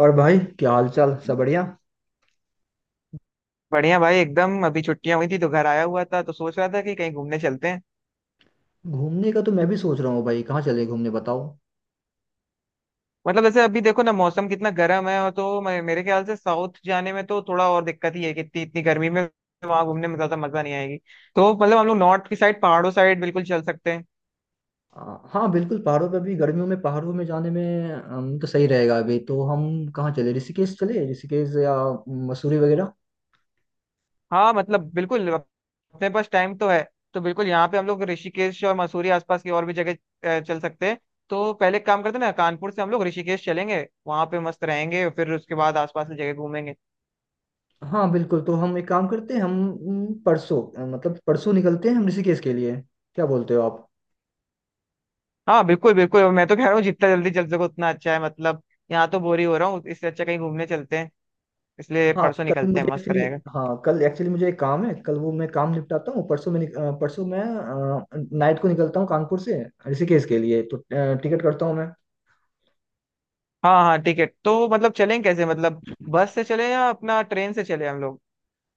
और भाई, क्या हाल चाल? सब बढ़िया। बढ़िया भाई एकदम। अभी छुट्टियां हुई थी तो घर आया हुआ था तो सोच रहा था कि कहीं घूमने चलते हैं। घूमने का तो मैं भी सोच रहा हूँ भाई। कहाँ चले घूमने बताओ। मतलब जैसे अभी देखो ना, मौसम कितना गर्म है, और तो मेरे ख्याल से साउथ जाने में तो थोड़ा और दिक्कत ही है कि इतनी इतनी गर्मी में वहां घूमने में ज्यादा मजा नहीं आएगी। तो मतलब हम लोग नॉर्थ की साइड, पहाड़ों साइड बिल्कुल चल सकते हैं। हाँ बिल्कुल, पहाड़ों पे भी गर्मियों में पहाड़ों में जाने में तो सही रहेगा। अभी तो हम कहाँ चले? ऋषिकेश चले, ऋषिकेश या मसूरी वगैरह। हाँ मतलब बिल्कुल। अपने पास टाइम तो है। तो बिल्कुल यहाँ पे हम लोग ऋषिकेश और मसूरी आसपास की और भी जगह चल सकते हैं। तो पहले एक काम करते हैं ना, कानपुर से हम लोग ऋषिकेश चलेंगे, वहां पे मस्त रहेंगे, फिर उसके बाद आसपास की जगह घूमेंगे। हाँ बिल्कुल। तो हम एक काम करते हैं, हम मतलब परसों निकलते हैं हम ऋषिकेश के लिए। क्या बोलते हो आप? हाँ बिल्कुल बिल्कुल। और मैं तो कह रहा हूँ जितना जल्दी चल सको उतना अच्छा है, मतलब यहाँ तो बोर ही हो रहा हूँ, इससे अच्छा कहीं घूमने चलते हैं। इसलिए हाँ परसों कल निकलते मुझे हैं, मस्त एक्चुअली रहेगा। हाँ कल एक्चुअली मुझे एक काम है, कल वो मैं काम निपटाता हूँ। परसों मैं परसों मैं नाइट को निकलता हूँ कानपुर से ऋषिकेश के लिए। तो टिकट करता हूँ मैं। हाँ हाँ ठीक है। तो मतलब चलें कैसे? मतलब बस से चले या अपना ट्रेन से चले हम लोग?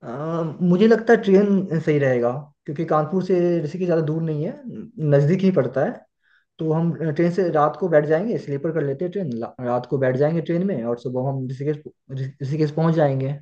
अ, मुझे लगता है ट्रेन सही रहेगा, क्योंकि कानपुर से ऋषिकेश ज़्यादा दूर नहीं है, नज़दीक ही पड़ता है। तो हम ट्रेन से रात को बैठ जाएंगे, स्लीपर कर लेते हैं। ट्रेन रात को बैठ जाएंगे ट्रेन में और सुबह हम ऋषिकेश ऋषिकेश पहुंच जाएंगे।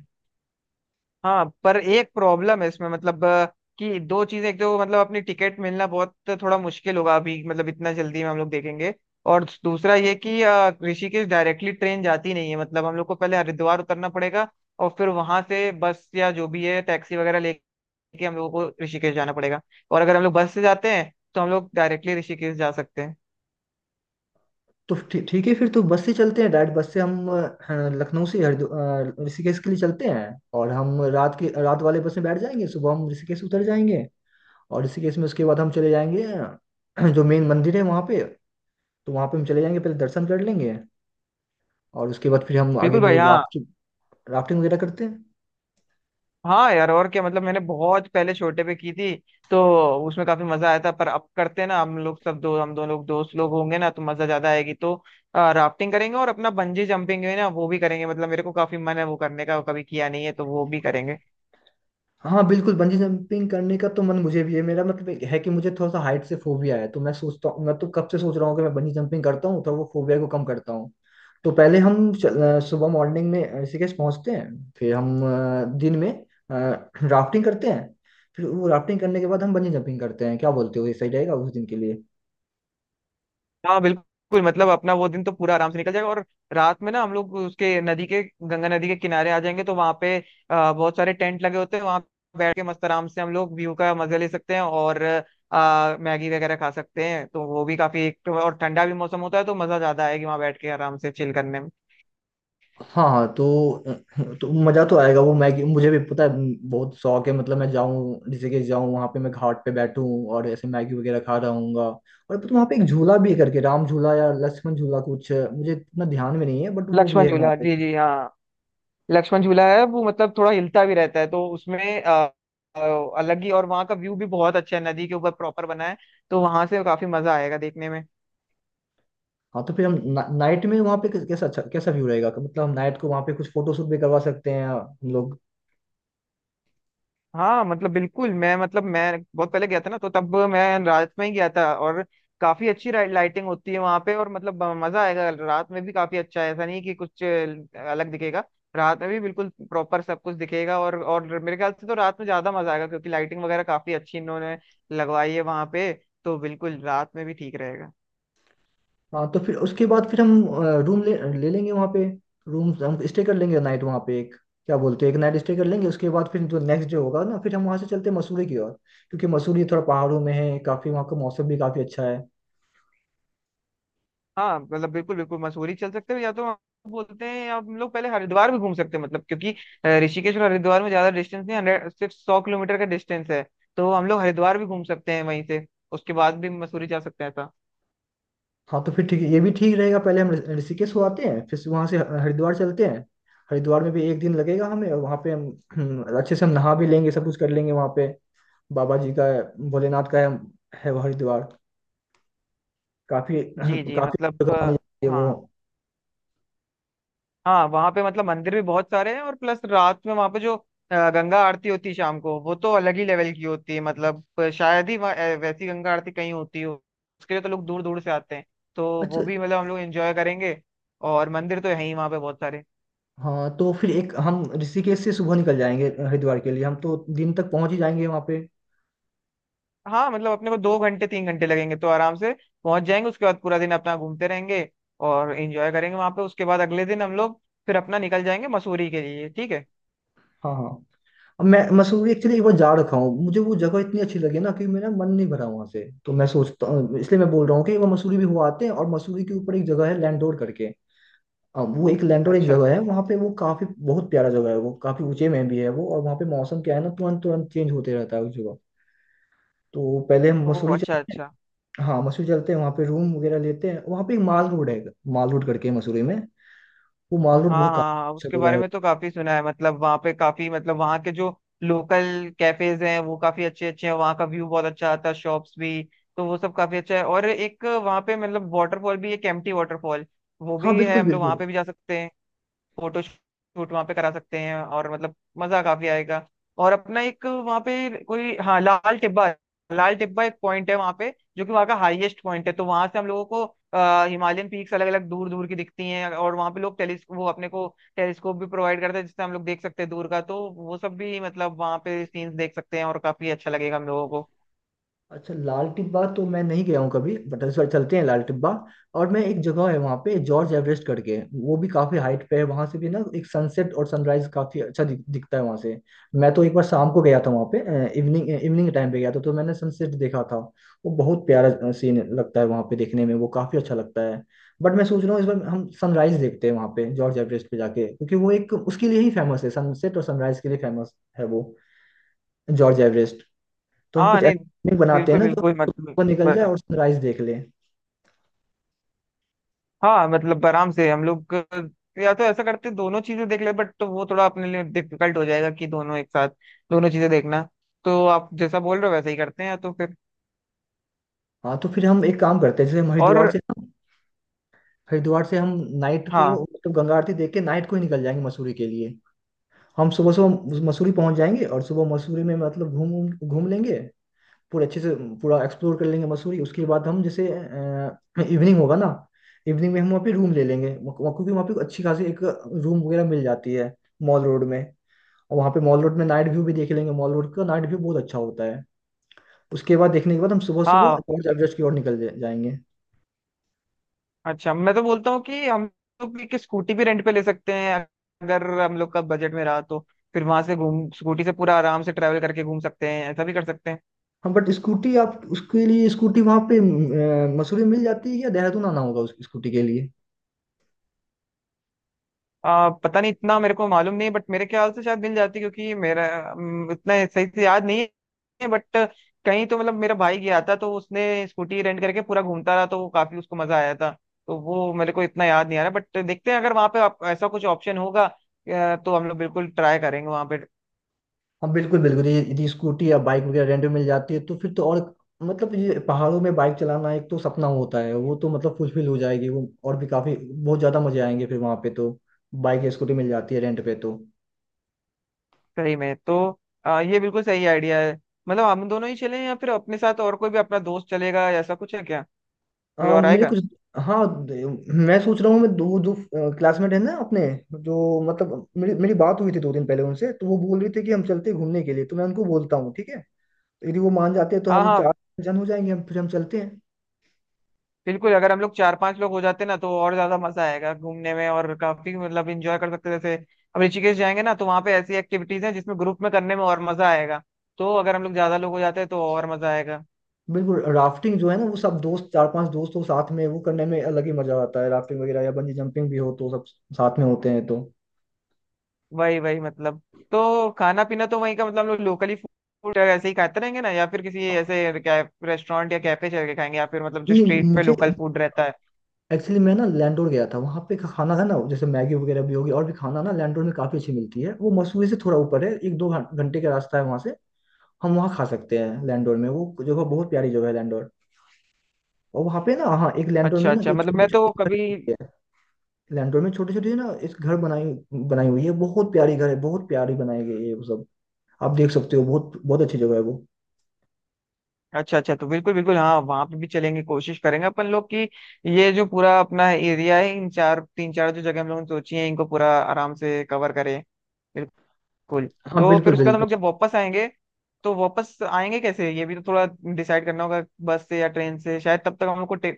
हाँ पर एक प्रॉब्लम है इसमें, मतलब कि दो चीजें। एक तो मतलब अपनी टिकट मिलना बहुत थोड़ा मुश्किल होगा अभी, मतलब इतना जल्दी में हम लोग देखेंगे। और दूसरा ये कि ऋषिकेश डायरेक्टली ट्रेन जाती नहीं है। मतलब हम लोग को पहले हरिद्वार उतरना पड़ेगा और फिर वहां से बस या जो भी है टैक्सी वगैरह ले, कि हम लोगों को ऋषिकेश जाना पड़ेगा। और अगर हम लोग बस से जाते हैं तो हम लोग डायरेक्टली ऋषिकेश जा सकते हैं। तो ठीक है, फिर तो बस से चलते हैं। डायरेक्ट बस से हम लखनऊ से ऋषिकेश के लिए चलते हैं। और हम रात के, रात वाले बस में बैठ जाएंगे, सुबह हम ऋषिकेश उतर जाएंगे। और ऋषिकेश में उसके बाद हम चले जाएंगे जो मेन मंदिर है वहाँ पे, तो वहाँ पे हम चले जाएंगे, पहले दर्शन कर लेंगे। और उसके बाद फिर हम आगे बिल्कुल भाई, जो हाँ। राफ्टिंग राफ्टिंग वगैरह करते हैं। हाँ यार, और क्या। मतलब मैंने बहुत पहले छोटे पे की थी तो उसमें काफी मजा आया था, पर अब करते हैं ना, हम लोग सब, दो हम दोनों लोग, दोस्त लोग होंगे ना तो मजा ज्यादा आएगी। तो राफ्टिंग करेंगे और अपना बंजी जंपिंग है ना वो भी करेंगे। मतलब मेरे को काफी मन है वो करने का, वो कभी किया नहीं है तो वो भी करेंगे। हाँ बिल्कुल, बंजी जंपिंग करने का तो मन मुझे भी है। मेरा मतलब ये है कि मुझे थोड़ा सा हाइट से फोबिया है, तो मैं सोचता हूँ, मैं तो कब से सोच रहा हूँ कि मैं बंजी जंपिंग करता हूँ तो वो फोबिया को कम करता हूँ। तो पहले हम सुबह मॉर्निंग में ऋषिकेश पहुंचते हैं, फिर हम दिन में राफ्टिंग करते हैं। फिर वो राफ्टिंग करने के बाद हम बंजी जंपिंग करते हैं। क्या बोलते हो, ये सही रहेगा उस दिन के लिए? हाँ बिल्कुल। मतलब अपना वो दिन तो पूरा आराम से निकल जाएगा, और रात में ना हम लोग उसके नदी के, गंगा नदी के किनारे आ जाएंगे। तो वहाँ पे बहुत सारे टेंट लगे होते हैं वहाँ, बैठ के मस्त आराम से हम लोग व्यू का मजा ले सकते हैं, और मैगी वगैरह खा सकते हैं। तो वो भी काफी, एक तो और ठंडा भी मौसम होता है तो मजा ज्यादा आएगी वहाँ बैठ के आराम से चिल करने में। हाँ हाँ, तो मजा तो आएगा। वो मैगी मुझे भी पता है, बहुत शौक है। मतलब मैं जाऊँ, जैसे कि जाऊँ वहाँ पे, मैं घाट पे बैठूँ और ऐसे मैगी वगैरह खा रहा हूँगा। और पता, वहाँ पे एक झूला भी है करके, राम झूला या लक्ष्मण झूला, कुछ मुझे इतना ध्यान में नहीं है, बट वो भी लक्ष्मण है वहाँ झूला, पे। जी जी हाँ। लक्ष्मण झूला है वो, मतलब थोड़ा हिलता भी रहता है, तो उसमें अ, अलग ही। और वहाँ का व्यू भी बहुत अच्छा है, नदी के ऊपर प्रॉपर बना है। तो वहां से काफी मजा आएगा देखने में। हाँ तो फिर हम ना, नाइट में वहाँ पे कैसा अच्छा, कैसा व्यू रहेगा। मतलब हम नाइट को वहाँ पे कुछ फोटो शूट भी करवा सकते हैं हम लोग। हाँ मतलब बिल्कुल। मैं मतलब मैं बहुत पहले गया था ना, तो तब मैं रात में ही गया था, और काफी अच्छी लाइटिंग होती है वहां पे। और मतलब मजा आएगा रात में भी, काफी अच्छा है। ऐसा नहीं कि कुछ अलग दिखेगा, रात में भी बिल्कुल प्रॉपर सब कुछ दिखेगा। और मेरे ख्याल से तो रात में ज्यादा मजा आएगा, क्योंकि लाइटिंग वगैरह काफी अच्छी इन्होंने लगवाई है वहां पे। तो बिल्कुल रात में भी ठीक रहेगा। हाँ तो फिर उसके बाद फिर हम रूम ले ले लेंगे वहाँ पे, रूम हम स्टे कर लेंगे नाइट वहाँ पे, एक क्या बोलते हैं, एक नाइट स्टे कर लेंगे। उसके बाद फिर जो नेक्स्ट डे होगा ना, फिर हम वहाँ से चलते हैं मसूरी की ओर, क्योंकि मसूरी थोड़ा पहाड़ों में है, काफ़ी वहाँ का मौसम भी काफ़ी अच्छा है। हाँ मतलब बिल्कुल बिल्कुल। मसूरी चल सकते हो, या तो हम बोलते हैं, या हम लोग पहले हरिद्वार भी घूम सकते हैं। मतलब क्योंकि ऋषिकेश और हरिद्वार में ज्यादा डिस्टेंस नहीं। 100, सिर्फ 100 किलोमीटर का डिस्टेंस है। तो हम लोग हरिद्वार भी घूम सकते हैं वहीं से, उसके बाद भी मसूरी जा सकते हैं ऐसा। हाँ तो फिर ठीक है, ये भी ठीक रहेगा। पहले हम ऋषिकेश हो आते हैं, फिर वहाँ से हरिद्वार चलते हैं। हरिद्वार में भी एक दिन लगेगा हमें, और वहाँ पे हम अच्छे से हम नहा भी लेंगे, सब कुछ कर लेंगे वहाँ पे। बाबा जी का, भोलेनाथ का है वो हरिद्वार, काफ़ी जी जी काफ़ी मतलब जगह मानी जाती है वो। हाँ। हाँ वहां पे मतलब मंदिर भी बहुत सारे हैं, और प्लस रात में वहां पे जो गंगा आरती होती है शाम को, वो तो अलग ही लेवल की होती है। मतलब शायद ही वहाँ वैसी गंगा आरती कहीं होती हो। उसके लिए तो लोग दूर दूर से आते हैं। तो अच्छा। वो भी मतलब हम लोग एंजॉय करेंगे, और मंदिर तो है ही वहां पे बहुत सारे। हाँ तो फिर एक, हम ऋषिकेश से सुबह निकल जाएंगे हरिद्वार के लिए, हम तो दिन तक पहुंच ही जाएंगे वहाँ पे। हाँ मतलब अपने को 2 घंटे 3 घंटे लगेंगे, तो आराम से पहुंच जाएंगे। उसके बाद पूरा दिन अपना घूमते रहेंगे और एंजॉय करेंगे वहां पे। उसके बाद अगले दिन हम लोग फिर अपना निकल जाएंगे मसूरी के लिए, ठीक है। हाँ हाँ। अब मैं मसूरी एक्चुअली एक बार जा रखा हूँ, मुझे वो जगह इतनी अच्छी लगी ना कि मेरा मन नहीं भरा वहाँ से। तो मैं सोचता हूँ, इसलिए मैं बोल रहा हूँ कि एक बार मसूरी भी हुआ आते हैं, और मसूरी के ऊपर एक जगह है लैंडोर करके। अब वो एक लैंडोर एक अच्छा। जगह है वहाँ पे, वो काफी बहुत प्यारा जगह है वो, काफी ऊंचे में भी है वो। और वहाँ पे मौसम क्या है ना, तुरंत तुरंत चेंज होते रहता है उस जगह। तो पहले हम ओ मसूरी अच्छा चलते अच्छा। हैं। हाँ मसूरी चलते हैं, वहाँ पे रूम वगैरह लेते हैं। वहाँ पे एक माल रोड है, माल रोड करके है मसूरी में। वो माल रोड हाँ बहुत हाँ हाँ, काफी उसके अच्छा जगह बारे है। में तो काफी सुना है। मतलब वहाँ पे काफी, मतलब वहाँ के जो लोकल कैफेज हैं वो काफी अच्छे अच्छे हैं, वहाँ का व्यू बहुत अच्छा आता है, शॉप्स भी। तो वो सब काफी अच्छा है। और एक वहाँ पे मतलब वाटरफॉल भी, एक एम्प्टी वाटरफॉल वो हाँ भी है, बिल्कुल हम लोग वहाँ बिल्कुल। पे भी जा सकते हैं। फोटो शूट वहाँ पे करा सकते हैं, और मतलब मजा काफी आएगा। और अपना एक वहाँ पे कोई, हाँ, लाल टिब्बा। लाल टिब्बा एक पॉइंट है वहाँ पे, जो कि वहाँ का हाईएस्ट पॉइंट है। तो वहां से हम लोगों को हिमालयन पीक्स अलग अलग दूर दूर की दिखती हैं। और वहाँ पे लोग टेलीस्क वो अपने को टेलीस्कोप भी प्रोवाइड करते हैं, जिससे हम लोग देख सकते हैं दूर का। तो वो सब भी मतलब वहाँ पे सीन्स देख सकते हैं, और काफी अच्छा लगेगा हम लोगों को। अच्छा, लाल टिब्बा तो मैं नहीं गया हूँ कभी, बट इस बार चलते हैं लाल टिब्बा। और मैं, एक जगह है वहाँ पे जॉर्ज एवरेस्ट करके, वो भी काफी हाइट पे है। वहां से भी ना एक सनसेट और सनराइज काफी अच्छा दिखता है वहां से। मैं तो एक बार शाम को गया था वहाँ पे, इवनिंग, इवनिंग के टाइम पे गया था, तो मैंने सनसेट देखा था। वो बहुत प्यारा सीन लगता है वहाँ पे देखने में, वो काफी अच्छा लगता है। बट मैं सोच रहा हूँ इस बार हम सनराइज देखते हैं वहाँ पे जॉर्ज एवरेस्ट पे जाके, क्योंकि वो एक उसके लिए ही फेमस है, सनसेट और सनराइज के लिए फेमस है वो, जॉर्ज एवरेस्ट। तो हम हाँ कुछ ऐसा नहीं। picnic बनाते हैं बिल्कुल ना, जो बिल्कुल मतलब। सुबह निकल जाए और सनराइज देख ले। हाँ मतलब आराम से हम लोग, या तो ऐसा करते दोनों चीजें देख ले, बट तो वो थोड़ा अपने लिए डिफिकल्ट हो जाएगा कि दोनों एक साथ दोनों चीजें देखना। तो आप जैसा बोल रहे हो वैसा ही करते हैं तो फिर। हाँ तो फिर हम एक काम करते हैं, जैसे हम और हरिद्वार से ना, हरिद्वार से हम नाइट हाँ को मतलब गंगा आरती देख के नाइट को ही निकल जाएंगे मसूरी के लिए। हम सुबह सुबह मसूरी पहुंच जाएंगे, और सुबह मसूरी में मतलब घूम घूम घूम लेंगे पूरे अच्छे से, पूरा एक्सप्लोर कर लेंगे मसूरी। उसके बाद हम जैसे इवनिंग होगा ना, इवनिंग में हम वहाँ पे रूम ले लेंगे वहाँ- वहाँ- क्योंकि वहाँ पे अच्छी खासी एक रूम वगैरह मिल जाती है मॉल रोड में। और वहाँ पे मॉल रोड में नाइट व्यू भी देख लेंगे, मॉल रोड का नाइट व्यू बहुत अच्छा होता है। उसके बाद, देखने के बाद हम सुबह सुबह हाँ। लॉर्ड एवरेस्ट की ओर निकल जाएंगे। अच्छा मैं तो बोलता हूँ कि हम लोग एक स्कूटी भी रेंट पे ले सकते हैं, अगर हम लोग का बजट में रहा तो। फिर वहां से घूम स्कूटी से पूरा आराम से ट्रैवल करके घूम सकते हैं, ऐसा भी कर सकते हैं। हम, बट स्कूटी आप, उसके लिए स्कूटी वहां पे मसूरी में मिल जाती है या देहरादून आना होगा उस स्कूटी के लिए? पता नहीं, इतना मेरे को मालूम नहीं, बट मेरे ख्याल से शायद मिल जाती, क्योंकि मेरा उतना सही से याद नहीं है, बट कहीं तो मतलब मेरा भाई गया था, तो उसने स्कूटी रेंट करके पूरा घूमता रहा, तो वो काफी उसको मजा आया था। तो वो मेरे को इतना याद नहीं आ रहा, बट देखते हैं अगर वहाँ पे आप, ऐसा कुछ ऑप्शन होगा तो हम लोग बिल्कुल ट्राई करेंगे वहाँ पे। हम बिल्कुल बिल्कुल, यदि स्कूटी या बाइक वगैरह रेंट में मिल जाती है तो फिर तो और, मतलब ये पहाड़ों में बाइक चलाना एक तो सपना होता है, वो तो मतलब फुलफिल हो जाएगी वो। और भी काफी बहुत ज्यादा मजे आएंगे फिर वहां पे, तो बाइक या स्कूटी मिल जाती है रेंट पे तो। सही में तो ये बिल्कुल सही आइडिया है। मतलब हम दोनों ही चलें, या फिर अपने साथ और कोई भी अपना दोस्त चलेगा, या ऐसा कुछ है क्या? कोई और मेरे आएगा? कुछ, हाँ, द- मैं सोच रहा हूँ, मैं दो दो क्लासमेट है ना अपने, जो मतलब मेरी मेरी बात हुई थी 2 दिन पहले उनसे, तो वो बोल रहे थे कि हम चलते हैं घूमने के लिए, तो मैं उनको बोलता हूँ ठीक है। तो यदि वो मान जाते हैं तो हाँ हम हाँ 4 जन हो जाएंगे, हम फिर हम चलते हैं। बिल्कुल, अगर हम लोग चार पांच लोग हो जाते ना तो और ज्यादा मजा आएगा घूमने में, और काफी मतलब एंजॉय कर सकते हैं। जैसे अब ऋषिकेश जाएंगे ना तो वहाँ पे ऐसी एक्टिविटीज हैं जिसमें ग्रुप में करने में और मजा आएगा। तो अगर हम लोग ज्यादा लोग हो जाते हैं तो और मजा आएगा। बिल्कुल, राफ्टिंग जो है ना, वो सब दोस्त, 4-5 दोस्त हो साथ में, वो करने में अलग ही मजा आता है। राफ्टिंग वगैरह या बंजी जंपिंग भी हो तो सब साथ में होते हैं तो। वही वही मतलब। तो खाना पीना तो वहीं का, मतलब हम लोग लोकली फूड ऐसे ही खाते रहेंगे ना, या फिर किसी ऐसे क्या रेस्टोरेंट या कैफे चल के खाएंगे, या फिर मतलब जो नहीं, स्ट्रीट पे मुझे लोकल फूड रहता है। एक्चुअली, मैं ना लैंडोर गया था, वहां पे का खाना है ना, जैसे मैगी वगैरह भी होगी, और भी खाना ना लैंडोर में काफी अच्छी मिलती है। वो मसूरी से थोड़ा ऊपर है, एक दो घंटे का रास्ता है वहां से। हम वहाँ खा सकते हैं लैंडोर में, वो जगह बहुत प्यारी जगह है लैंडोर। और वहाँ पे ना, हाँ, एक लैंडोर में अच्छा ना, अच्छा, ये मतलब छोटी मैं तो कभी। छोटी है। लैंडोर में छोटी छोटी ना, एक घर बनाई, बनाई हुई है, बहुत प्यारी घर है, बहुत प्यारी बनाई गई है वो सब। आप देख सकते हो, बहुत बहुत अच्छी जगह है वो। अच्छा अच्छा, तो बिल्कुल बिल्कुल हाँ वहां पे भी चलेंगे। कोशिश करेंगे अपन लोग कि ये जो पूरा अपना एरिया है, इन चार तीन चार जो जगह हम लोगों ने सोची है, इनको पूरा आराम से कवर करें। बिल्कुल। हाँ तो फिर बिल्कुल उसके बाद हम बिल्कुल। लोग जब वापस आएंगे तो वापस आएंगे कैसे, ये भी तो थोड़ा डिसाइड करना होगा, बस से या ट्रेन से। शायद तब तक हम लोग को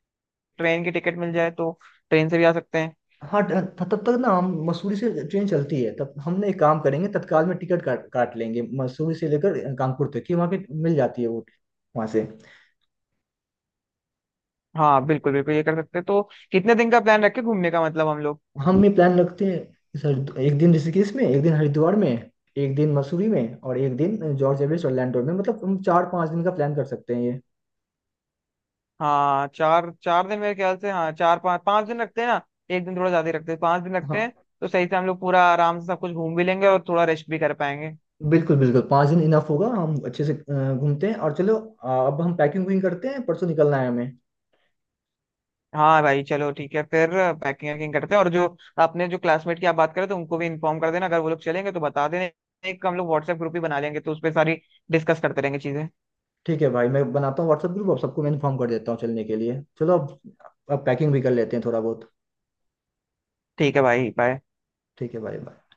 ट्रेन की टिकट मिल जाए तो ट्रेन से भी आ सकते हैं। हाँ तब तक ना, हम मसूरी से ट्रेन चलती है तब, हमने एक काम करेंगे, तत्काल में टिकट काट काट लेंगे मसूरी से लेकर कानपुर तक की। वहाँ पे मिल जाती है वो, वहाँ से। हाँ बिल्कुल बिल्कुल, ये कर सकते हैं। तो कितने दिन का प्लान रखे घूमने का, मतलब हम लोग? हम ये प्लान रखते हैं सर, एक दिन ऋषिकेश में, एक दिन हरिद्वार में, एक दिन मसूरी में, और एक दिन जॉर्ज एवरेस्ट ऑरलैंडो में। मतलब हम 4-5 दिन का प्लान कर सकते हैं ये। हाँ चार चार दिन मेरे ख्याल से, हाँ चार पाँच पाँच दिन रखते हैं ना, एक दिन थोड़ा ज्यादा ही रखते हैं, 5 दिन रखते हैं। हाँ तो सही से हम लोग पूरा आराम से सब कुछ घूम भी लेंगे, और थोड़ा रेस्ट भी कर पाएंगे। बिल्कुल बिल्कुल, 5 दिन इनफ होगा, हम अच्छे से घूमते हैं। और चलो अब हम पैकिंग वैकिंग करते हैं, परसों निकलना है हमें। हाँ भाई चलो ठीक है फिर, पैकिंग वैकिंग करते हैं। और जो अपने जो क्लासमेट की आप बात करें तो उनको भी इन्फॉर्म कर देना, अगर वो लोग चलेंगे तो बता देना। एक हम लोग व्हाट्सएप ग्रुप ही बना लेंगे तो उस पर सारी डिस्कस करते रहेंगे चीजें। ठीक है भाई, मैं बनाता हूँ व्हाट्सएप ग्रुप, अब सबको मैं इन्फॉर्म कर देता हूँ चलने के लिए। चलो अब पैकिंग भी कर लेते हैं थोड़ा बहुत। ठीक है भाई, बाय। ठीक है भाई बाय।